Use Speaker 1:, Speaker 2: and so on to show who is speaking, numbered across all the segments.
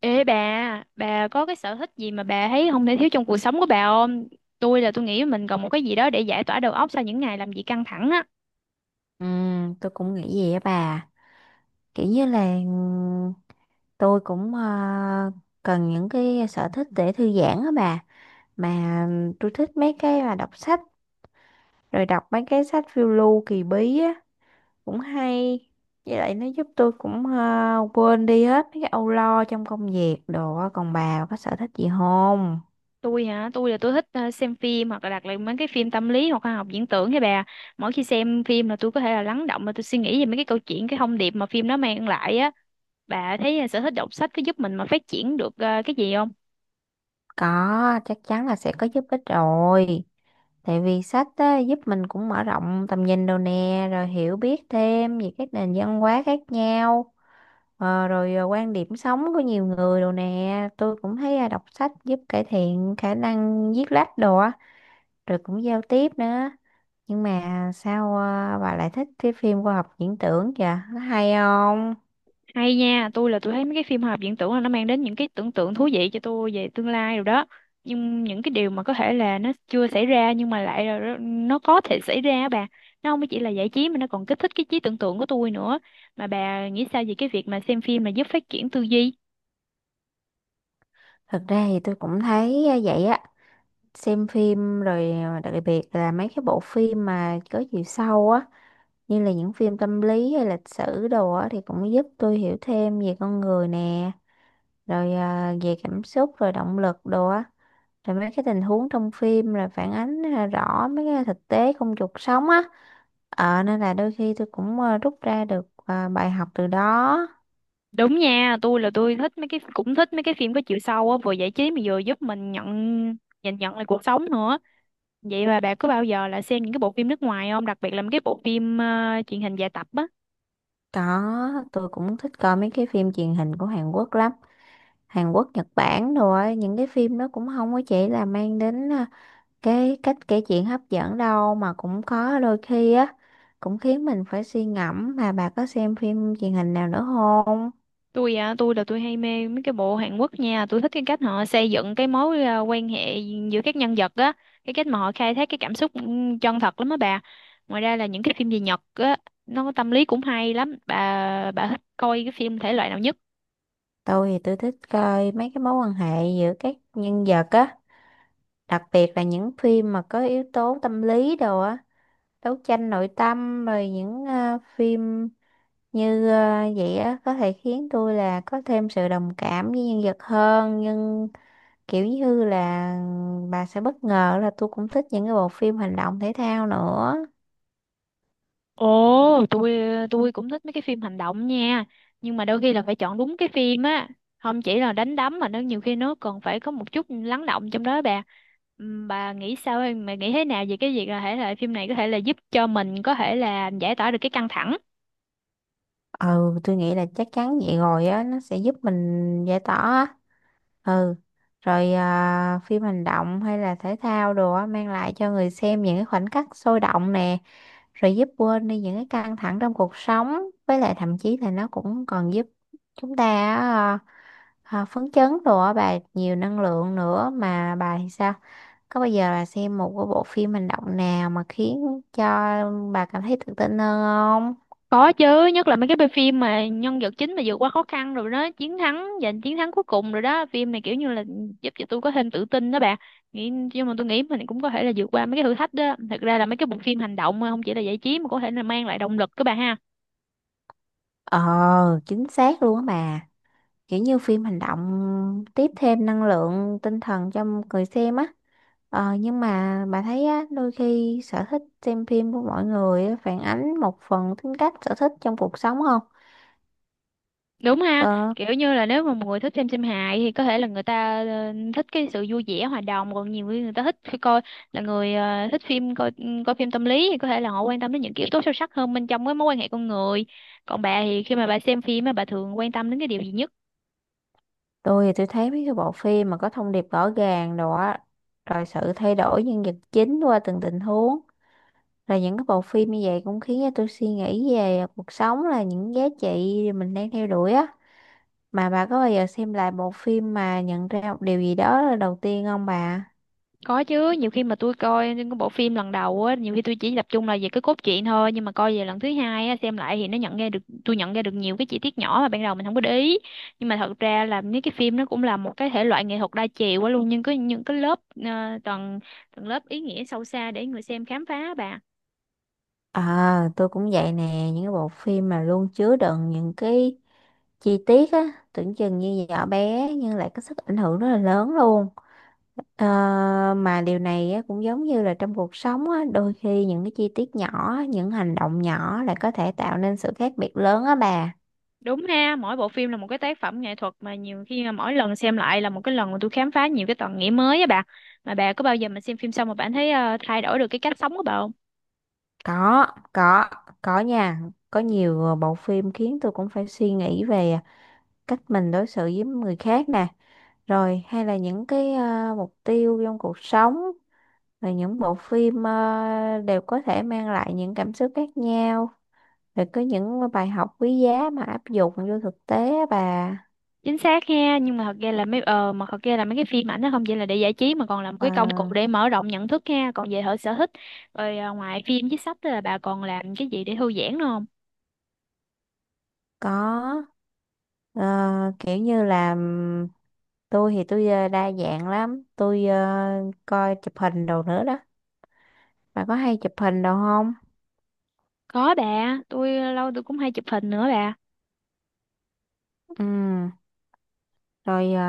Speaker 1: Ê bà có cái sở thích gì mà bà thấy không thể thiếu trong cuộc sống của bà không? Tôi nghĩ mình cần một cái gì đó để giải tỏa đầu óc sau những ngày làm việc căng thẳng á.
Speaker 2: Ừ, tôi cũng nghĩ vậy á bà, kiểu như là tôi cũng cần những cái sở thích để thư giãn á bà. Mà tôi thích mấy cái mà đọc sách, rồi đọc mấy cái sách phiêu lưu kỳ bí á, cũng hay. Với lại nó giúp tôi cũng quên đi hết mấy cái âu lo trong công việc đồ á. Còn bà có sở thích gì không?
Speaker 1: Tôi hả, tôi thích xem phim hoặc là đặt lại mấy cái phim tâm lý hoặc khoa học viễn tưởng với bà. Mỗi khi xem phim là tôi có thể là lắng động mà tôi suy nghĩ về mấy cái câu chuyện, cái thông điệp mà phim nó mang lại á. Bà thấy sở thích đọc sách có giúp mình mà phát triển được cái gì không?
Speaker 2: Có, chắc chắn là sẽ có giúp ích rồi. Tại vì sách á, giúp mình cũng mở rộng tầm nhìn đồ nè, rồi hiểu biết thêm về các nền văn hóa khác nhau, rồi quan điểm sống của nhiều người đồ nè. Tôi cũng thấy à, đọc sách giúp cải thiện khả năng viết lách đồ á, rồi cũng giao tiếp nữa. Nhưng mà sao bà lại thích cái phim khoa học viễn tưởng kìa, nó hay không?
Speaker 1: Hay nha, tôi thấy mấy cái phim hoạt viễn tưởng là nó mang đến những cái tưởng tượng thú vị cho tôi về tương lai rồi đó. Nhưng những cái điều mà có thể là nó chưa xảy ra nhưng mà lại là nó có thể xảy ra á bà. Nó không chỉ là giải trí mà nó còn kích thích cái trí tưởng tượng của tôi nữa. Mà bà nghĩ sao về cái việc mà xem phim mà giúp phát triển tư duy?
Speaker 2: Thực ra thì tôi cũng thấy à, vậy á, xem phim rồi à, đặc biệt là mấy cái bộ phim mà có chiều sâu á, như là những phim tâm lý hay lịch sử đồ á, thì cũng giúp tôi hiểu thêm về con người nè, rồi à, về cảm xúc rồi động lực đồ á, rồi mấy cái tình huống trong phim là phản ánh à, rõ mấy cái thực tế trong cuộc sống á. Ờ, nên là đôi khi tôi cũng à, rút ra được à, bài học từ đó.
Speaker 1: Đúng nha, tôi là tôi thích mấy cái cũng thích mấy cái phim có chiều sâu á, vừa giải trí mà vừa giúp mình nhìn nhận lại cuộc sống nữa. Vậy mà bà có bao giờ là xem những cái bộ phim nước ngoài không? Đặc biệt là mấy cái bộ phim truyền hình dài tập á.
Speaker 2: Có, tôi cũng thích coi mấy cái phim truyền hình của Hàn Quốc lắm. Hàn Quốc, Nhật Bản, rồi những cái phim đó cũng không có chỉ là mang đến à, cái cách kể chuyện hấp dẫn đâu, mà cũng có đôi khi á cũng khiến mình phải suy ngẫm. Mà bà có xem phim truyền hình nào nữa không?
Speaker 1: Tôi à tôi là tôi hay mê mấy cái bộ Hàn Quốc nha. Tôi thích cái cách họ xây dựng cái mối quan hệ giữa các nhân vật á, cái cách mà họ khai thác cái cảm xúc chân thật lắm á bà. Ngoài ra là những cái phim về Nhật á, nó có tâm lý cũng hay lắm bà. Bà thích coi cái phim thể loại nào nhất?
Speaker 2: Tôi thì tôi thích coi mấy cái mối quan hệ giữa các nhân vật á, đặc biệt là những phim mà có yếu tố tâm lý đồ á, đấu tranh nội tâm, rồi những phim như vậy á có thể khiến tôi là có thêm sự đồng cảm với nhân vật hơn. Nhưng kiểu như là bà sẽ bất ngờ là tôi cũng thích những cái bộ phim hành động thể thao nữa.
Speaker 1: Ồ, tôi cũng thích mấy cái phim hành động nha, nhưng mà đôi khi là phải chọn đúng cái phim á, không chỉ là đánh đấm mà nó nhiều khi nó còn phải có một chút lắng động trong đó bà. Bà nghĩ sao em, bà nghĩ thế nào về cái việc là thể loại phim này có thể là giúp cho mình có thể là giải tỏa được cái căng thẳng?
Speaker 2: Ừ, tôi nghĩ là chắc chắn vậy rồi á, nó sẽ giúp mình giải tỏa á. Ừ, rồi à, phim hành động hay là thể thao đồ á mang lại cho người xem những cái khoảnh khắc sôi động nè, rồi giúp quên đi những cái căng thẳng trong cuộc sống. Với lại thậm chí là nó cũng còn giúp chúng ta á, à, phấn chấn đồ á bà, nhiều năng lượng nữa. Mà bà thì sao, có bao giờ bà xem một cái bộ phim hành động nào mà khiến cho bà cảm thấy tự tin hơn không?
Speaker 1: Có chứ, nhất là mấy cái bộ phim mà nhân vật chính mà vượt qua khó khăn rồi đó, giành chiến thắng cuối cùng rồi đó. Phim này kiểu như là giúp cho tôi có thêm tự tin đó bà. Nghĩ, nhưng mà tôi nghĩ mình cũng có thể là vượt qua mấy cái thử thách đó. Thật ra là mấy cái bộ phim hành động không chỉ là giải trí mà có thể là mang lại động lực các bà ha.
Speaker 2: Ờ, chính xác luôn á bà. Kiểu như phim hành động tiếp thêm năng lượng tinh thần cho người xem á. Ờ, nhưng mà bà thấy á, đôi khi sở thích xem phim của mọi người á, phản ánh một phần tính cách sở thích trong cuộc sống không?
Speaker 1: Đúng ha,
Speaker 2: Ờ,
Speaker 1: kiểu như là nếu mà một người thích xem phim hài thì có thể là người ta thích cái sự vui vẻ hòa đồng, còn nhiều người người ta thích khi coi là người ờ, thích phim coi ừ, coi phim tâm lý thì có thể là họ quan tâm đến những kiểu tố sâu sắc hơn bên trong cái mối quan hệ con người. Còn bà thì khi mà bà xem phim á, bà thường quan tâm đến cái điều gì nhất?
Speaker 2: tôi thì tôi thấy mấy cái bộ phim mà có thông điệp rõ ràng đồ á, rồi sự thay đổi nhân vật chính qua từng tình huống, rồi những cái bộ phim như vậy cũng khiến cho tôi suy nghĩ về cuộc sống, là những giá trị mình đang theo đuổi á. Mà bà có bao giờ xem lại bộ phim mà nhận ra một điều gì đó là đầu tiên không bà?
Speaker 1: Có chứ, nhiều khi mà tôi coi những cái bộ phim lần đầu á, nhiều khi tôi chỉ tập trung là về cái cốt truyện thôi, nhưng mà coi về lần thứ hai á, xem lại thì nó nhận ra được tôi nhận ra được nhiều cái chi tiết nhỏ mà ban đầu mình không có để ý. Nhưng mà thật ra là mấy cái phim nó cũng là một cái thể loại nghệ thuật đa chiều quá luôn, nhưng có những cái lớp ờ, tầng tầng lớp ý nghĩa sâu xa để người xem khám phá bà.
Speaker 2: Ờ, tôi cũng vậy nè, những cái bộ phim mà luôn chứa đựng những cái chi tiết á, tưởng chừng như nhỏ bé nhưng lại có sức ảnh hưởng rất là lớn luôn. Ờ, mà điều này á, cũng giống như là trong cuộc sống á, đôi khi những cái chi tiết nhỏ, những hành động nhỏ lại có thể tạo nên sự khác biệt lớn á bà.
Speaker 1: Đúng ha, mỗi bộ phim là một cái tác phẩm nghệ thuật mà nhiều khi mà mỗi lần xem lại là một cái lần mà tôi khám phá nhiều cái tầng nghĩa mới á bà. Mà bà có bao giờ mà xem phim xong mà bạn thấy thay đổi được cái cách sống của bà không?
Speaker 2: Có, có, có nha. Có nhiều bộ phim khiến tôi cũng phải suy nghĩ về cách mình đối xử với người khác nè, rồi hay là những cái mục tiêu trong cuộc sống, rồi những bộ phim đều có thể mang lại những cảm xúc khác nhau, rồi có những bài học quý giá mà áp dụng vô thực tế á bà.
Speaker 1: Chính xác ha, nhưng mà thật ra là mấy ờ mà thật ra là mấy cái phim ảnh nó không chỉ là để giải trí mà còn là một
Speaker 2: Ờ,
Speaker 1: cái công cụ để mở rộng nhận thức ha. Còn về hệ sở thích, rồi ngoài phim với sách là bà còn làm cái gì để thư giãn nữa không?
Speaker 2: có. Ờ, kiểu như là tôi thì tôi đa dạng lắm, tôi coi chụp hình đồ nữa đó. Bà có hay chụp hình đồ không?
Speaker 1: Có bà, tôi lâu tôi cũng hay chụp hình nữa bà.
Speaker 2: Ừ, rồi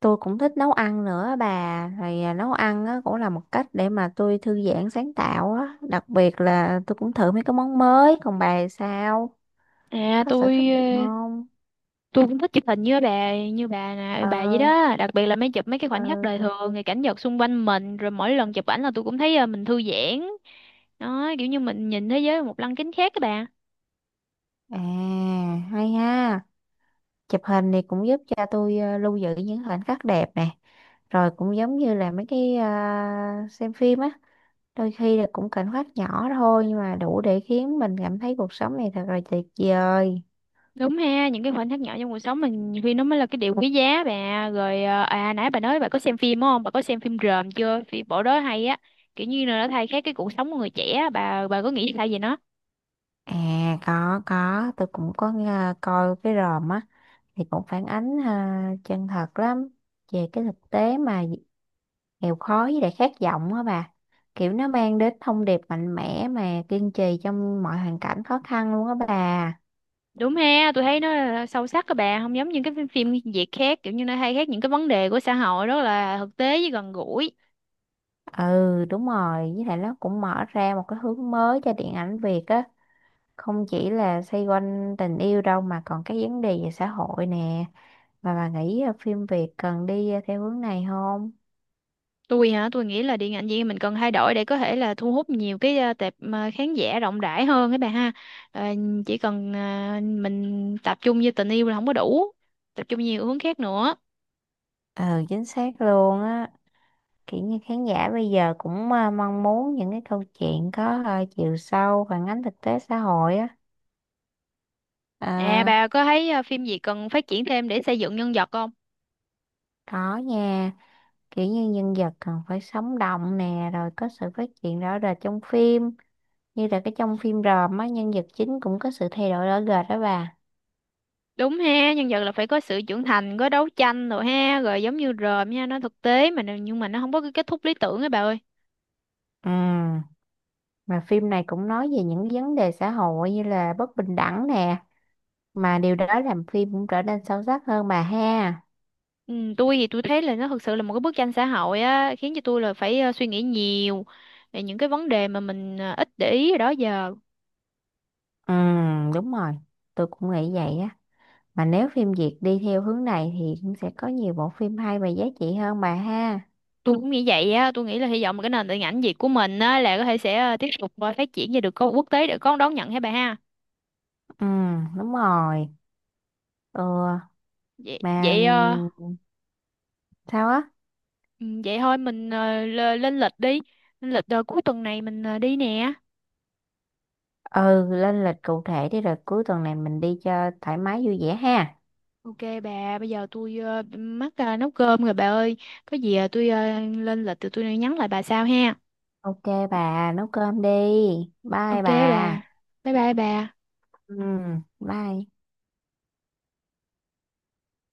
Speaker 2: tôi cũng thích nấu ăn nữa á bà. Thì à, nấu ăn á, cũng là một cách để mà tôi thư giãn sáng tạo á, đặc biệt là tôi cũng thử mấy cái món mới. Còn bà thì sao,
Speaker 1: à
Speaker 2: có sở
Speaker 1: tôi
Speaker 2: thích gì
Speaker 1: ờ,
Speaker 2: không?
Speaker 1: tôi cũng thích chụp hình như bà, như bà nè
Speaker 2: Ờ,
Speaker 1: bà vậy đó, đặc biệt là chụp mấy cái
Speaker 2: ờ,
Speaker 1: khoảnh khắc đời thường rồi cảnh vật xung quanh mình. Rồi mỗi lần chụp ảnh là tôi cũng thấy mình thư giãn đó, kiểu như mình nhìn thế giới một lăng kính khác các bà.
Speaker 2: à, hay ha. Chụp hình thì cũng giúp cho tôi à, lưu giữ những khoảnh khắc đẹp nè, rồi cũng giống như là mấy cái à, xem phim á, đôi khi là cũng khoảnh khắc nhỏ thôi nhưng mà đủ để khiến mình cảm thấy cuộc sống này thật là tuyệt vời.
Speaker 1: Đúng ha, những cái khoảnh khắc nhỏ trong cuộc sống mình nhiều khi nó mới là cái điều quý giá bà. Rồi nãy bà nói bà có xem phim đúng không? Bà có xem phim Rờm chưa? Phim bộ đó hay á. Kiểu như là nó thay khác cái cuộc sống của người trẻ á. Bà có nghĩ sao về nó?
Speaker 2: À, có, tôi cũng có nghe, coi cái ròm á, thì cũng phản ánh à, chân thật lắm về cái thực tế mà nghèo khó với lại khát vọng á bà. Kiểu nó mang đến thông điệp mạnh mẽ mà kiên trì trong mọi hoàn cảnh khó khăn luôn á bà.
Speaker 1: Đúng ha, tôi thấy nó là sâu sắc các bà, không giống những cái phim phim Việt khác, kiểu như nó thay khác những cái vấn đề của xã hội rất là thực tế với gần gũi.
Speaker 2: Ừ, đúng rồi, với lại nó cũng mở ra một cái hướng mới cho điện ảnh Việt á, không chỉ là xoay quanh tình yêu đâu mà còn cái vấn đề về xã hội nè. Mà bà nghĩ à, phim Việt cần đi à, theo hướng này không?
Speaker 1: Tôi hả? Tôi nghĩ là điện ảnh Việt Nam mình cần thay đổi để có thể là thu hút nhiều cái tệp khán giả rộng rãi hơn các bà ha. Ờ, chỉ cần mình tập trung vô tình yêu là không có đủ, tập trung nhiều hướng khác nữa.
Speaker 2: Ừ, chính xác luôn á. Kiểu như khán giả bây giờ cũng à, mong muốn những cái câu chuyện có à, chiều sâu phản ánh thực tế xã hội á,
Speaker 1: À
Speaker 2: à,
Speaker 1: bà có thấy phim gì cần phát triển thêm để xây dựng nhân vật không?
Speaker 2: đó nha. Kiểu như nhân vật cần phải sống động nè, rồi có sự phát triển rõ rệt trong phim, như là cái trong phim ròm á, nhân vật chính cũng có sự thay đổi rõ rệt đó bà.
Speaker 1: Đúng ha, nhân vật là phải có sự trưởng thành, có đấu tranh rồi ha, rồi giống như rờm nha, nó thực tế mà nhưng mà nó không có cái kết thúc lý tưởng ấy bà ơi.
Speaker 2: Ừ, mà phim này cũng nói về những vấn đề xã hội như là bất bình đẳng nè, mà điều đó làm phim cũng trở nên sâu sắc hơn bà ha.
Speaker 1: Ừ, tôi thấy là nó thực sự là một cái bức tranh xã hội á, khiến cho tôi là phải suy nghĩ nhiều về những cái vấn đề mà mình ít để ý hồi đó giờ.
Speaker 2: Ừ, đúng rồi, tôi cũng nghĩ vậy á. Mà nếu phim Việt đi theo hướng này thì cũng sẽ có nhiều bộ phim hay và giá trị hơn bà ha.
Speaker 1: Tôi cũng nghĩ vậy á, tôi nghĩ là hy vọng là cái nền điện ảnh Việt của mình á là có thể sẽ tiếp tục phát triển và được có quốc tế để có đón nhận hả bà ha.
Speaker 2: Ừ, đúng rồi. Ừ,
Speaker 1: Vậy
Speaker 2: mà
Speaker 1: vậy ờ,
Speaker 2: sao á?
Speaker 1: ừ, Vậy thôi mình lên lịch đi, lên lịch cuối tuần này mình đi nè.
Speaker 2: Ừ, lên lịch cụ thể đi, rồi cuối tuần này mình đi cho thoải mái vui vẻ ha.
Speaker 1: Ok bà, bây giờ tôi mắc nấu cơm rồi bà ơi. Có gì tôi lên lịch thì tôi nhắn lại bà sau ha.
Speaker 2: Ok bà, nấu cơm đi. Bye
Speaker 1: Ok bà.
Speaker 2: bà.
Speaker 1: Bye bye bà.
Speaker 2: Ừ, bye.